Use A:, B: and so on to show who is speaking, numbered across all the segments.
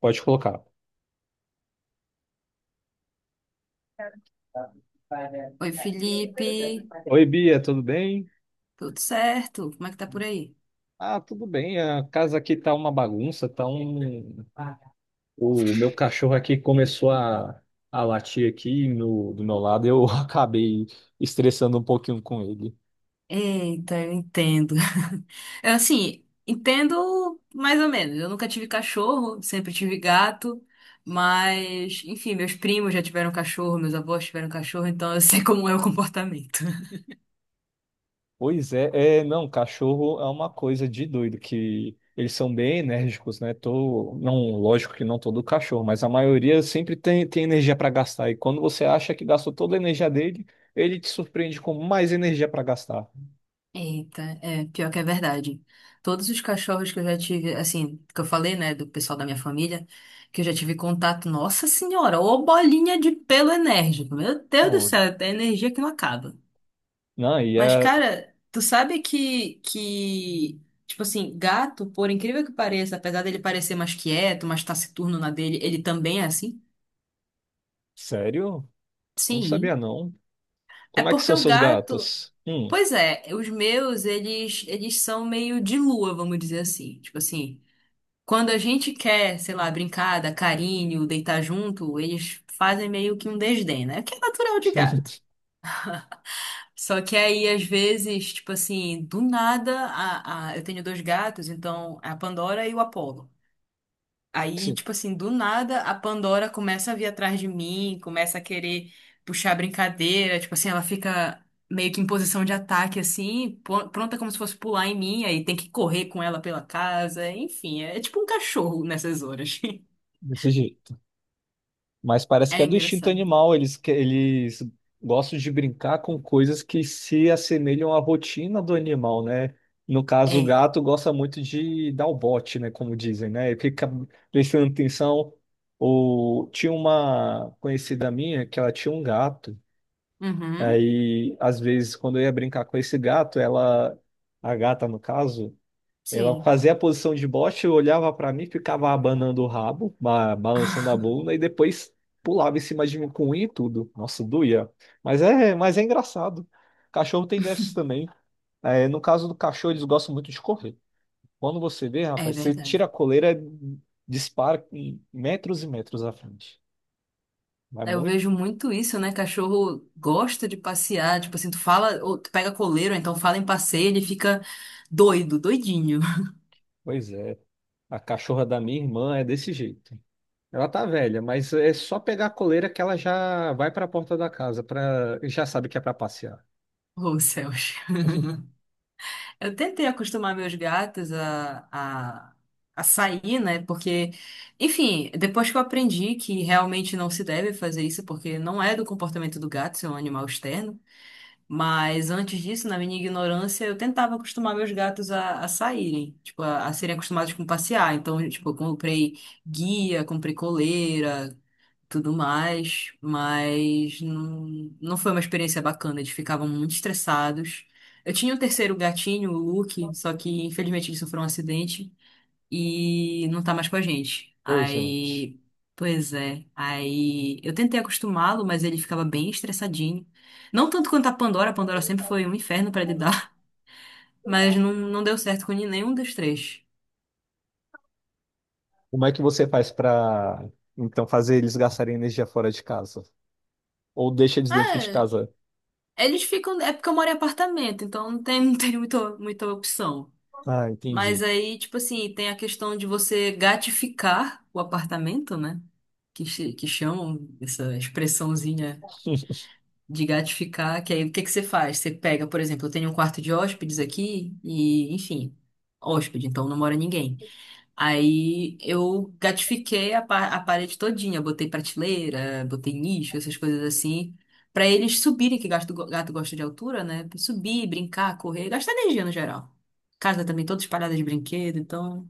A: Pode colocar.
B: Oi, Felipe.
A: Oi, Bia, tudo bem?
B: Tudo certo? Como é que tá por aí?
A: Ah, tudo bem. A casa aqui tá uma bagunça, tá O meu cachorro aqui começou a latir aqui do meu lado, eu acabei estressando um pouquinho com ele.
B: Eita, eu entendo. Eu, assim, entendo mais ou menos. Eu nunca tive cachorro, sempre tive gato. Mas, enfim, meus primos já tiveram cachorro, meus avós tiveram cachorro, então eu sei como é o comportamento.
A: Pois não, cachorro é uma coisa de doido, que eles são bem enérgicos, né? Não, lógico que não todo cachorro, mas a maioria sempre tem energia para gastar. E quando você acha que gastou toda a energia dele, ele te surpreende com mais energia para gastar.
B: Eita, é, pior que é verdade. Todos os cachorros que eu já tive, assim, que eu falei, né, do pessoal da minha família, que eu já tive contato, nossa senhora, ô bolinha de pelo enérgico. Meu Deus do
A: Pô,
B: céu, é energia que não acaba.
A: não, e
B: Mas,
A: é
B: cara, tu sabe que, tipo assim, gato, por incrível que pareça, apesar dele parecer mais quieto, mais taciturno na dele, ele também é assim?
A: sério? Não sabia
B: Sim.
A: não.
B: É
A: Como é que
B: porque
A: são
B: o
A: seus
B: gato.
A: gatos?
B: Pois é, os meus, eles são meio de lua, vamos dizer assim. Tipo assim, quando a gente quer, sei lá, brincar, dar carinho, deitar junto, eles fazem meio que um desdém, né? Que é natural de gato. Só que aí, às vezes, tipo assim, do nada, eu tenho dois gatos, então é a Pandora e o Apollo. Aí,
A: Desse
B: tipo assim, do nada, a Pandora começa a vir atrás de mim, começa a querer puxar brincadeira, tipo assim, ela fica meio que em posição de ataque, assim, pronta como se fosse pular em mim, aí tem que correr com ela pela casa, enfim, é tipo um cachorro nessas horas.
A: desse jeito. Mas parece
B: É
A: que é do instinto
B: engraçado.
A: animal, eles gostam de brincar com coisas que se assemelham à rotina do animal, né? No caso, o
B: É.
A: gato gosta muito de dar o bote, né, como dizem, né? E fica prestando atenção. Tinha uma conhecida minha que ela tinha um gato.
B: Uhum.
A: Aí, às vezes, quando eu ia brincar com esse gato, a gata no caso, ela
B: Sim.
A: fazia a posição de bote, olhava pra mim, ficava abanando o rabo, balançando a bunda e depois pulava em cima de mim com unha e tudo. Nossa, doía. Mas é engraçado. Cachorro tem dessas também. É, no caso do cachorro, eles gostam muito de correr. Quando você vê,
B: É
A: rapaz, você
B: verdade.
A: tira a coleira, dispara em metros e metros à frente. Mas
B: Eu
A: muito,
B: vejo muito isso, né? Cachorro gosta de passear, tipo assim, tu fala, ou tu pega coleiro, ou então fala em passeio, ele fica doido, doidinho.
A: pois é. A cachorra da minha irmã é desse jeito. Ela tá velha, mas é só pegar a coleira que ela já vai para a porta da casa, para já sabe que é para passear.
B: Oh, céus. Eu tentei acostumar meus gatos a sair, né? Porque, enfim, depois que eu aprendi que realmente não se deve fazer isso, porque não é do comportamento do gato ser um animal externo. Mas antes disso, na minha ignorância, eu tentava acostumar meus gatos a saírem, tipo, a serem acostumados com passear. Então, tipo, eu comprei guia, comprei coleira, tudo mais, mas não, não foi uma experiência bacana, eles ficavam muito estressados. Eu tinha um terceiro gatinho, o Luke, só que infelizmente ele sofreu um acidente e não tá mais com a gente.
A: Ô, gente,
B: Aí, pois é. Aí eu tentei acostumá-lo, mas ele ficava bem estressadinho. Não tanto quanto a Pandora sempre foi um inferno pra lidar, mas não, não deu certo com nenhum dos três.
A: como é que você faz para então fazer eles gastarem energia fora de casa? Ou deixa eles dentro de
B: É,
A: casa?
B: eles ficam. É porque eu moro em apartamento, então não tem, não tem muita, muita opção.
A: Ah,
B: Mas
A: entendi.
B: aí, tipo assim, tem a questão de você gatificar o apartamento, né? Que, que chamam essa expressãozinha de gatificar, que aí o que que você faz? Você pega, por exemplo, eu tenho um quarto de hóspedes aqui e, enfim, hóspede, então não mora ninguém. Aí eu gatifiquei a, a parede todinha, botei prateleira, botei nicho, essas coisas assim, pra eles subirem, que gato, gato gosta de altura, né? Subir, brincar, correr, gastar energia no geral. Casa também toda espalhada de brinquedo, então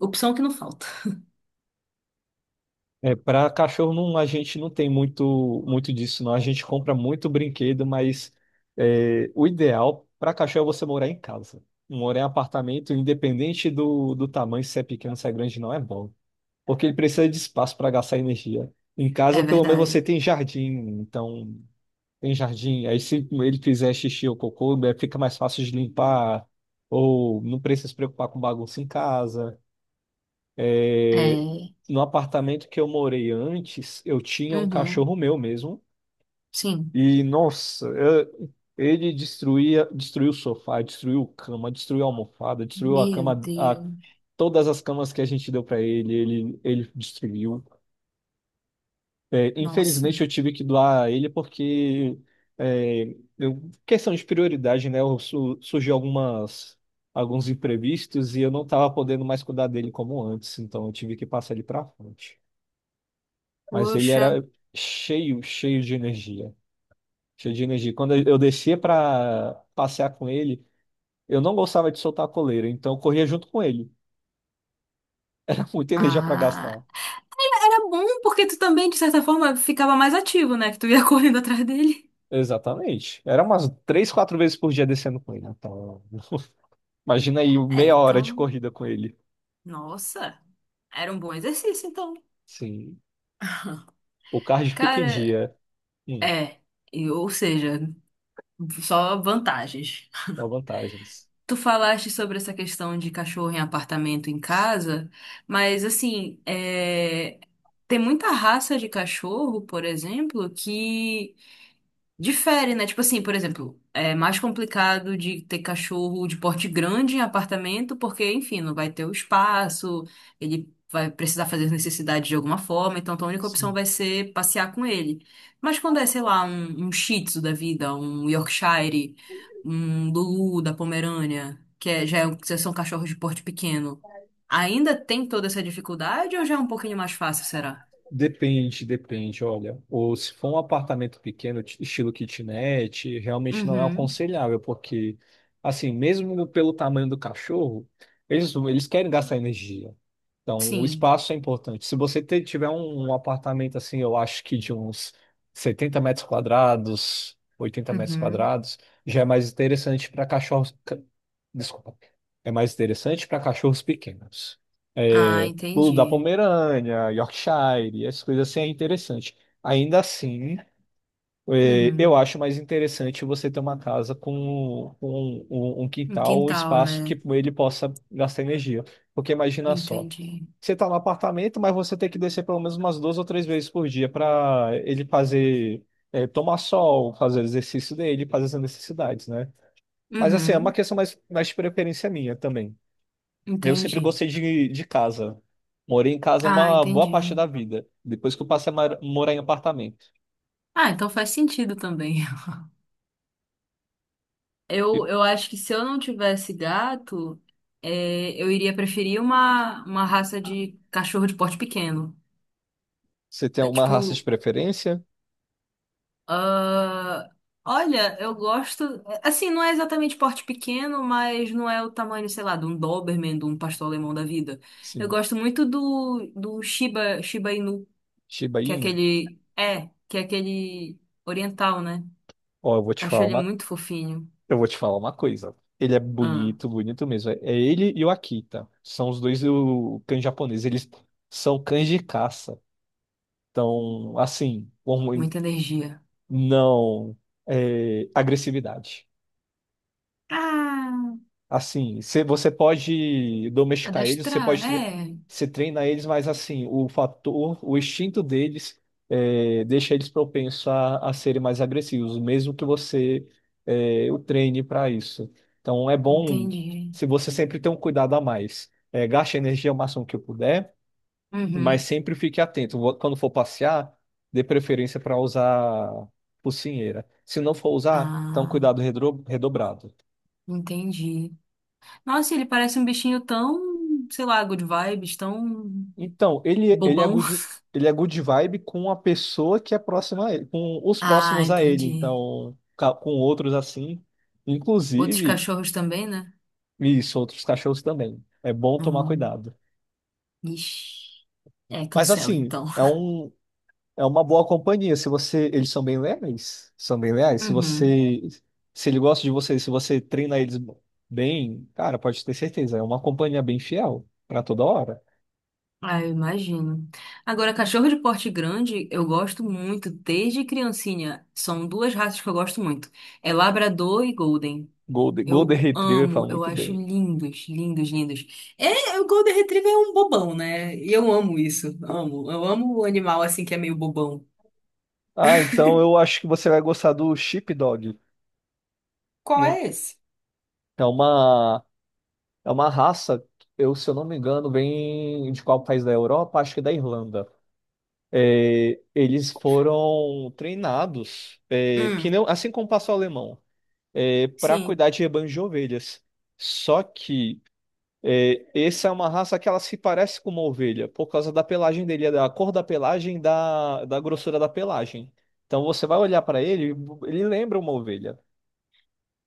B: opção que não falta.
A: É, para cachorro não, a gente não tem muito disso, não. A gente compra muito brinquedo, mas é, o ideal para cachorro é você morar em casa. Morar em apartamento, independente do tamanho, se é pequeno, se é grande, não é bom. Porque ele precisa de espaço para gastar energia. Em casa,
B: É
A: pelo menos
B: verdade.
A: você tem jardim, então tem jardim. Aí se ele fizer xixi ou cocô, né, fica mais fácil de limpar, ou não precisa se preocupar com bagunça em casa. É,
B: É.
A: no apartamento que eu morei antes, eu tinha um
B: Uhum.
A: cachorro meu mesmo,
B: Sim.
A: e nossa, ele destruía, destruiu o sofá, destruiu a cama, destruiu a almofada, destruiu
B: Meu Deus.
A: todas as camas que a gente deu para ele, ele destruiu. É,
B: Nossa.
A: infelizmente eu tive que doar ele porque é, questão de prioridade, né? Surgiu algumas alguns imprevistos e eu não estava podendo mais cuidar dele como antes, então eu tive que passar ele para frente. Mas ele
B: Poxa.
A: era cheio de energia, cheio de energia. Quando eu descia para passear com ele, eu não gostava de soltar a coleira, então eu corria junto com ele. Era muita energia para
B: Ah,
A: gastar.
B: era bom porque tu também, de certa forma, ficava mais ativo, né? Que tu ia correndo atrás dele.
A: Exatamente. Era umas três, quatro vezes por dia descendo com ele, então. Imagina aí
B: É,
A: meia hora de
B: então,
A: corrida com ele.
B: nossa, era um bom exercício, então.
A: Sim. O cardio fica em
B: Cara,
A: dia. Sim,
B: é, ou seja, só vantagens.
A: com vantagens.
B: Tu falaste sobre essa questão de cachorro em apartamento em casa, mas assim, é, tem muita raça de cachorro, por exemplo, que Difere, né? Tipo assim, por exemplo, é mais complicado de ter cachorro de porte grande em apartamento, porque, enfim, não vai ter o espaço, ele vai precisar fazer as necessidades de alguma forma, então a única opção
A: Sim.
B: vai ser passear com ele. Mas quando é, sei lá, um Shih Tzu da vida, um Yorkshire, um Lulu da Pomerânia, que é, já são cachorros de porte pequeno, ainda tem toda essa dificuldade ou já é um pouquinho mais fácil, será?
A: Depende, olha. Ou se for um apartamento pequeno, estilo kitnet, realmente não é
B: Uhum,
A: aconselhável, porque, assim, mesmo pelo tamanho do cachorro, eles querem gastar energia. Então, o
B: sim.
A: espaço é importante. Se você tiver um apartamento assim, eu acho que de uns 70 metros quadrados, 80 metros
B: Uhum.
A: quadrados, já é mais interessante para cachorros. Desculpa. É mais interessante para cachorros pequenos.
B: Ah,
A: É, pulo da
B: entendi.
A: Pomerânia, Yorkshire, essas coisas assim é interessante. Ainda assim. É, eu
B: Uhum.
A: acho mais interessante você ter uma casa com um
B: Um
A: quintal ou
B: quintal,
A: espaço
B: né?
A: que ele possa gastar energia. Porque imagina só,
B: Entendi.
A: você está no apartamento, mas você tem que descer pelo menos umas duas ou três vezes por dia para ele fazer, é, tomar sol, fazer o exercício dele, fazer as necessidades, né? Mas assim, é uma
B: Uhum.
A: questão mais de preferência minha também. Eu sempre
B: Entendi.
A: gostei de casa. Morei em casa
B: Ah,
A: uma boa parte
B: entendi.
A: da vida, depois que eu passei a morar em apartamento.
B: Ah, então faz sentido também.
A: E
B: Eu acho que se eu não tivesse gato, é, eu iria preferir uma raça de cachorro de porte pequeno.
A: você tem
B: É,
A: alguma raça de
B: tipo,
A: preferência?
B: ah, olha, eu gosto. Assim, não é exatamente porte pequeno, mas não é o tamanho, sei lá, de um Doberman, de um pastor alemão da vida. Eu
A: Sim.
B: gosto muito do, do Shiba, Shiba Inu.
A: Shiba
B: Que é
A: Inu.
B: aquele. É, que é aquele oriental, né?
A: Ó,
B: Acho ele muito fofinho.
A: eu vou te falar uma coisa. Ele é
B: Ah,
A: bonito, bonito mesmo. É ele e o Akita. São os dois o cães japoneses. Eles são cães de caça. Então, assim,
B: muita energia.
A: não é, agressividade.
B: Ah,
A: Assim, você pode domesticar eles,
B: adestrar, é.
A: você treina eles, mas assim, o fator, o instinto deles é, deixa eles propensos a serem mais agressivos, mesmo que você é, o treine para isso. Então é bom
B: Entendi.
A: se você sempre tem um cuidado a mais. É, gaste a energia o máximo que puder, mas
B: Uhum.
A: sempre fique atento. Quando for passear, dê preferência para usar focinheira. Se não for usar, então
B: Ah,
A: cuidado redobrado.
B: entendi. Nossa, ele parece um bichinho tão, sei lá, good vibes, tão
A: Então,
B: bobão.
A: ele é good vibe com a pessoa que é próxima a ele, com os
B: Ah,
A: próximos a ele,
B: entendi.
A: então, com outros assim,
B: Outros
A: inclusive,
B: cachorros também, né?
A: isso, outros cachorros também. É bom tomar
B: Hum,
A: cuidado.
B: ixi. É,
A: Mas
B: cancela
A: assim,
B: então.
A: é uma boa companhia. Se você, eles são bem leais, são bem leais. Se
B: Uhum.
A: você, se ele gosta de você, se você treina eles bem, cara, pode ter certeza, é uma companhia bem fiel para toda hora.
B: Ah, eu imagino. Agora, cachorro de porte grande, eu gosto muito desde criancinha. São duas raças que eu gosto muito. É Labrador e Golden.
A: Golden, Golden
B: Eu
A: Retriever
B: amo,
A: fala
B: eu
A: muito
B: acho
A: bem.
B: lindos, lindos, lindos. É, o Golden Retriever é um bobão, né? E eu amo isso. Amo. Eu amo o animal assim que é meio bobão.
A: Ah, então eu acho que você vai gostar do Sheepdog.
B: Qual
A: Hum.
B: é esse?
A: É uma, é uma raça, eu, se eu não me engano, vem de qual país da Europa? Acho que da Irlanda. É, eles foram treinados, é, que
B: Hum,
A: não, assim como o pastor alemão, para
B: sim.
A: cuidar de rebanhos de ovelhas. Só que é, essa é uma raça que ela se parece com uma ovelha, por causa da pelagem dele, da cor da pelagem, da grossura da pelagem. Então você vai olhar para ele, ele lembra uma ovelha.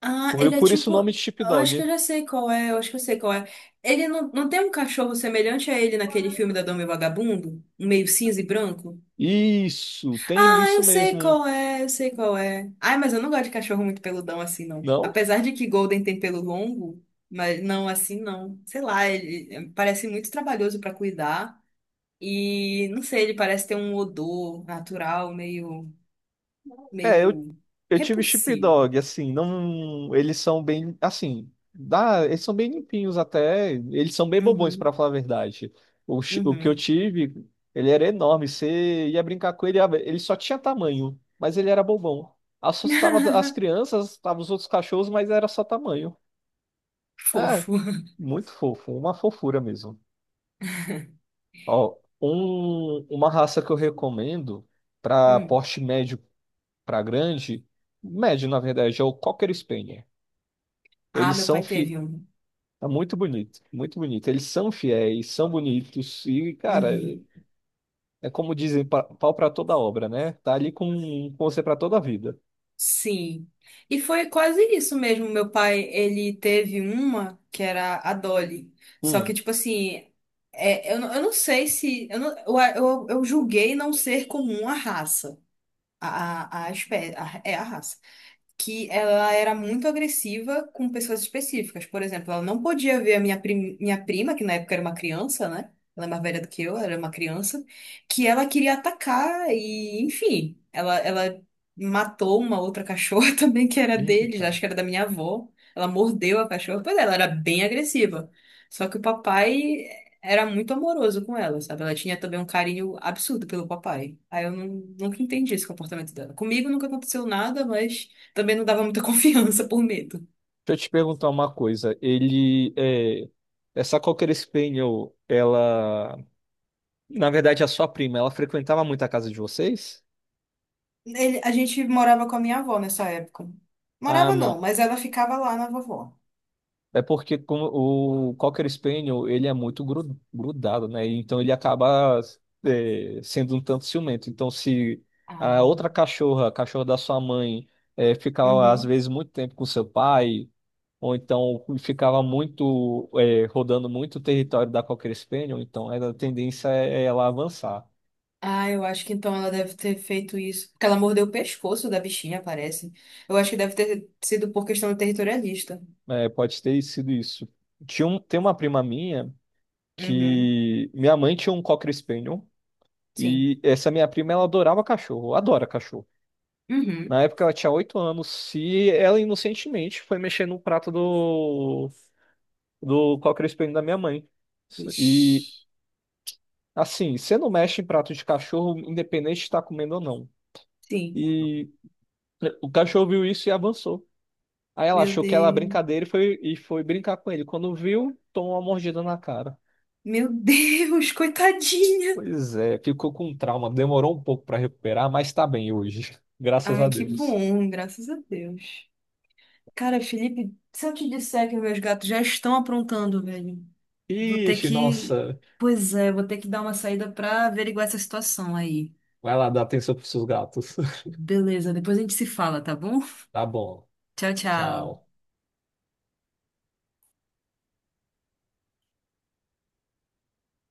B: Ah,
A: Por,
B: ele é
A: por isso o
B: tipo.
A: nome de chip
B: Eu acho que eu
A: dog.
B: já sei qual é, eu acho que eu sei qual é. Ele não, não tem um cachorro semelhante a ele naquele filme da Dama e o Vagabundo? Um meio cinza e branco?
A: Isso, tem
B: Ah,
A: isso
B: eu sei
A: mesmo.
B: qual é, eu sei qual é. Ai, mas eu não gosto de cachorro muito peludão assim, não.
A: Não?
B: Apesar de que Golden tem pelo longo, mas não assim, não. Sei lá, ele é, parece muito trabalhoso pra cuidar. E não sei, ele parece ter um odor natural meio,
A: É, eu,
B: meio
A: eu tive Chip
B: repulsivo.
A: dog, assim, não. Eles são bem. Assim, dá, eles são bem limpinhos até. Eles são bem bobões, pra
B: Uhum,
A: falar a verdade. O que eu
B: uhum.
A: tive, ele era enorme. Você ia brincar com ele, ele só tinha tamanho, mas ele era bobão. Assustava as crianças, assustava os outros cachorros, mas era só tamanho. É,
B: Fofo.
A: muito fofo, uma fofura mesmo. Ó, uma raça que eu recomendo para
B: Hum.
A: porte médio para grande, médio na verdade, é o Cocker Spaniel.
B: Ah,
A: Eles
B: meu
A: são
B: pai
A: fi...
B: teve um.
A: é muito bonito, muito bonito. Eles são fiéis, são bonitos e, cara,
B: Uhum.
A: é como dizem, pau para toda obra, né? Tá ali com você para toda a vida.
B: Sim. E foi quase isso mesmo. Meu pai, ele teve uma que era a Dolly. Só que,
A: Hum.
B: tipo assim, é, eu, eu não sei se. Eu, eu julguei não ser comum a raça. A espécie. É a raça que ela era muito agressiva com pessoas específicas. Por exemplo, ela não podia ver a minha, minha prima, que na época era uma criança, né? Ela é mais velha do que eu, era uma criança, que ela queria atacar e, enfim, ela matou uma outra cachorra também que era deles,
A: Eita.
B: acho que era da minha avó. Ela mordeu a cachorra, pois é, ela era bem agressiva. Só que o papai era muito amoroso com ela, sabe? Ela tinha também um carinho absurdo pelo papai. Aí eu não- nunca entendi esse comportamento dela. Comigo nunca aconteceu nada, mas também não dava muita confiança por medo.
A: Deixa eu te perguntar uma coisa. Ele é essa Cocker Spaniel, na verdade, a sua prima, ela frequentava muito a casa de vocês?
B: Ele- a gente morava com a minha avó nessa época.
A: Ah,
B: Morava
A: não.
B: não, mas ela ficava lá na vovó.
A: É porque como o Cocker Spaniel, ele é muito grudado, né? Então ele acaba é, sendo um tanto ciumento. Então se a
B: Ah.
A: outra cachorra, a cachorra da sua mãe, é, ficava às
B: Uhum.
A: vezes muito tempo com seu pai, ou então ficava muito é, rodando muito o território da Cocker Spaniel, então a tendência é ela avançar.
B: Ah, eu acho que então ela deve ter feito isso. Porque ela mordeu o pescoço da bichinha, parece. Eu acho que deve ter sido por questão territorialista.
A: É, pode ter sido isso. Tem uma prima minha
B: Uhum.
A: que minha mãe tinha um Cocker Spaniel.
B: Sim.
A: E essa minha prima, ela adorava cachorro, adora cachorro. Na
B: Uhum.
A: época ela tinha 8 anos e ela inocentemente foi mexer no prato do cochrane da minha mãe.
B: Ixi.
A: E assim, você não mexe em prato de cachorro, independente de estar comendo ou não.
B: Sim.
A: E é, o cachorro viu isso e avançou. Aí ela
B: Meu
A: achou que era
B: Deus.
A: brincadeira e e foi brincar com ele. Quando viu, tomou uma mordida na cara.
B: Meu Deus, coitadinha.
A: Pois é, ficou com trauma, demorou um pouco para recuperar, mas tá bem hoje, graças a
B: Ai, que
A: Deus.
B: bom, graças a Deus. Cara, Felipe, se eu te disser que meus gatos já estão aprontando, velho, vou ter
A: Ixi,
B: que.
A: nossa.
B: Pois é, vou ter que dar uma saída pra averiguar essa situação aí.
A: Vai lá, dar atenção pros seus gatos.
B: Beleza, depois a gente se fala, tá bom?
A: Tá bom.
B: Tchau, tchau.
A: Tchau.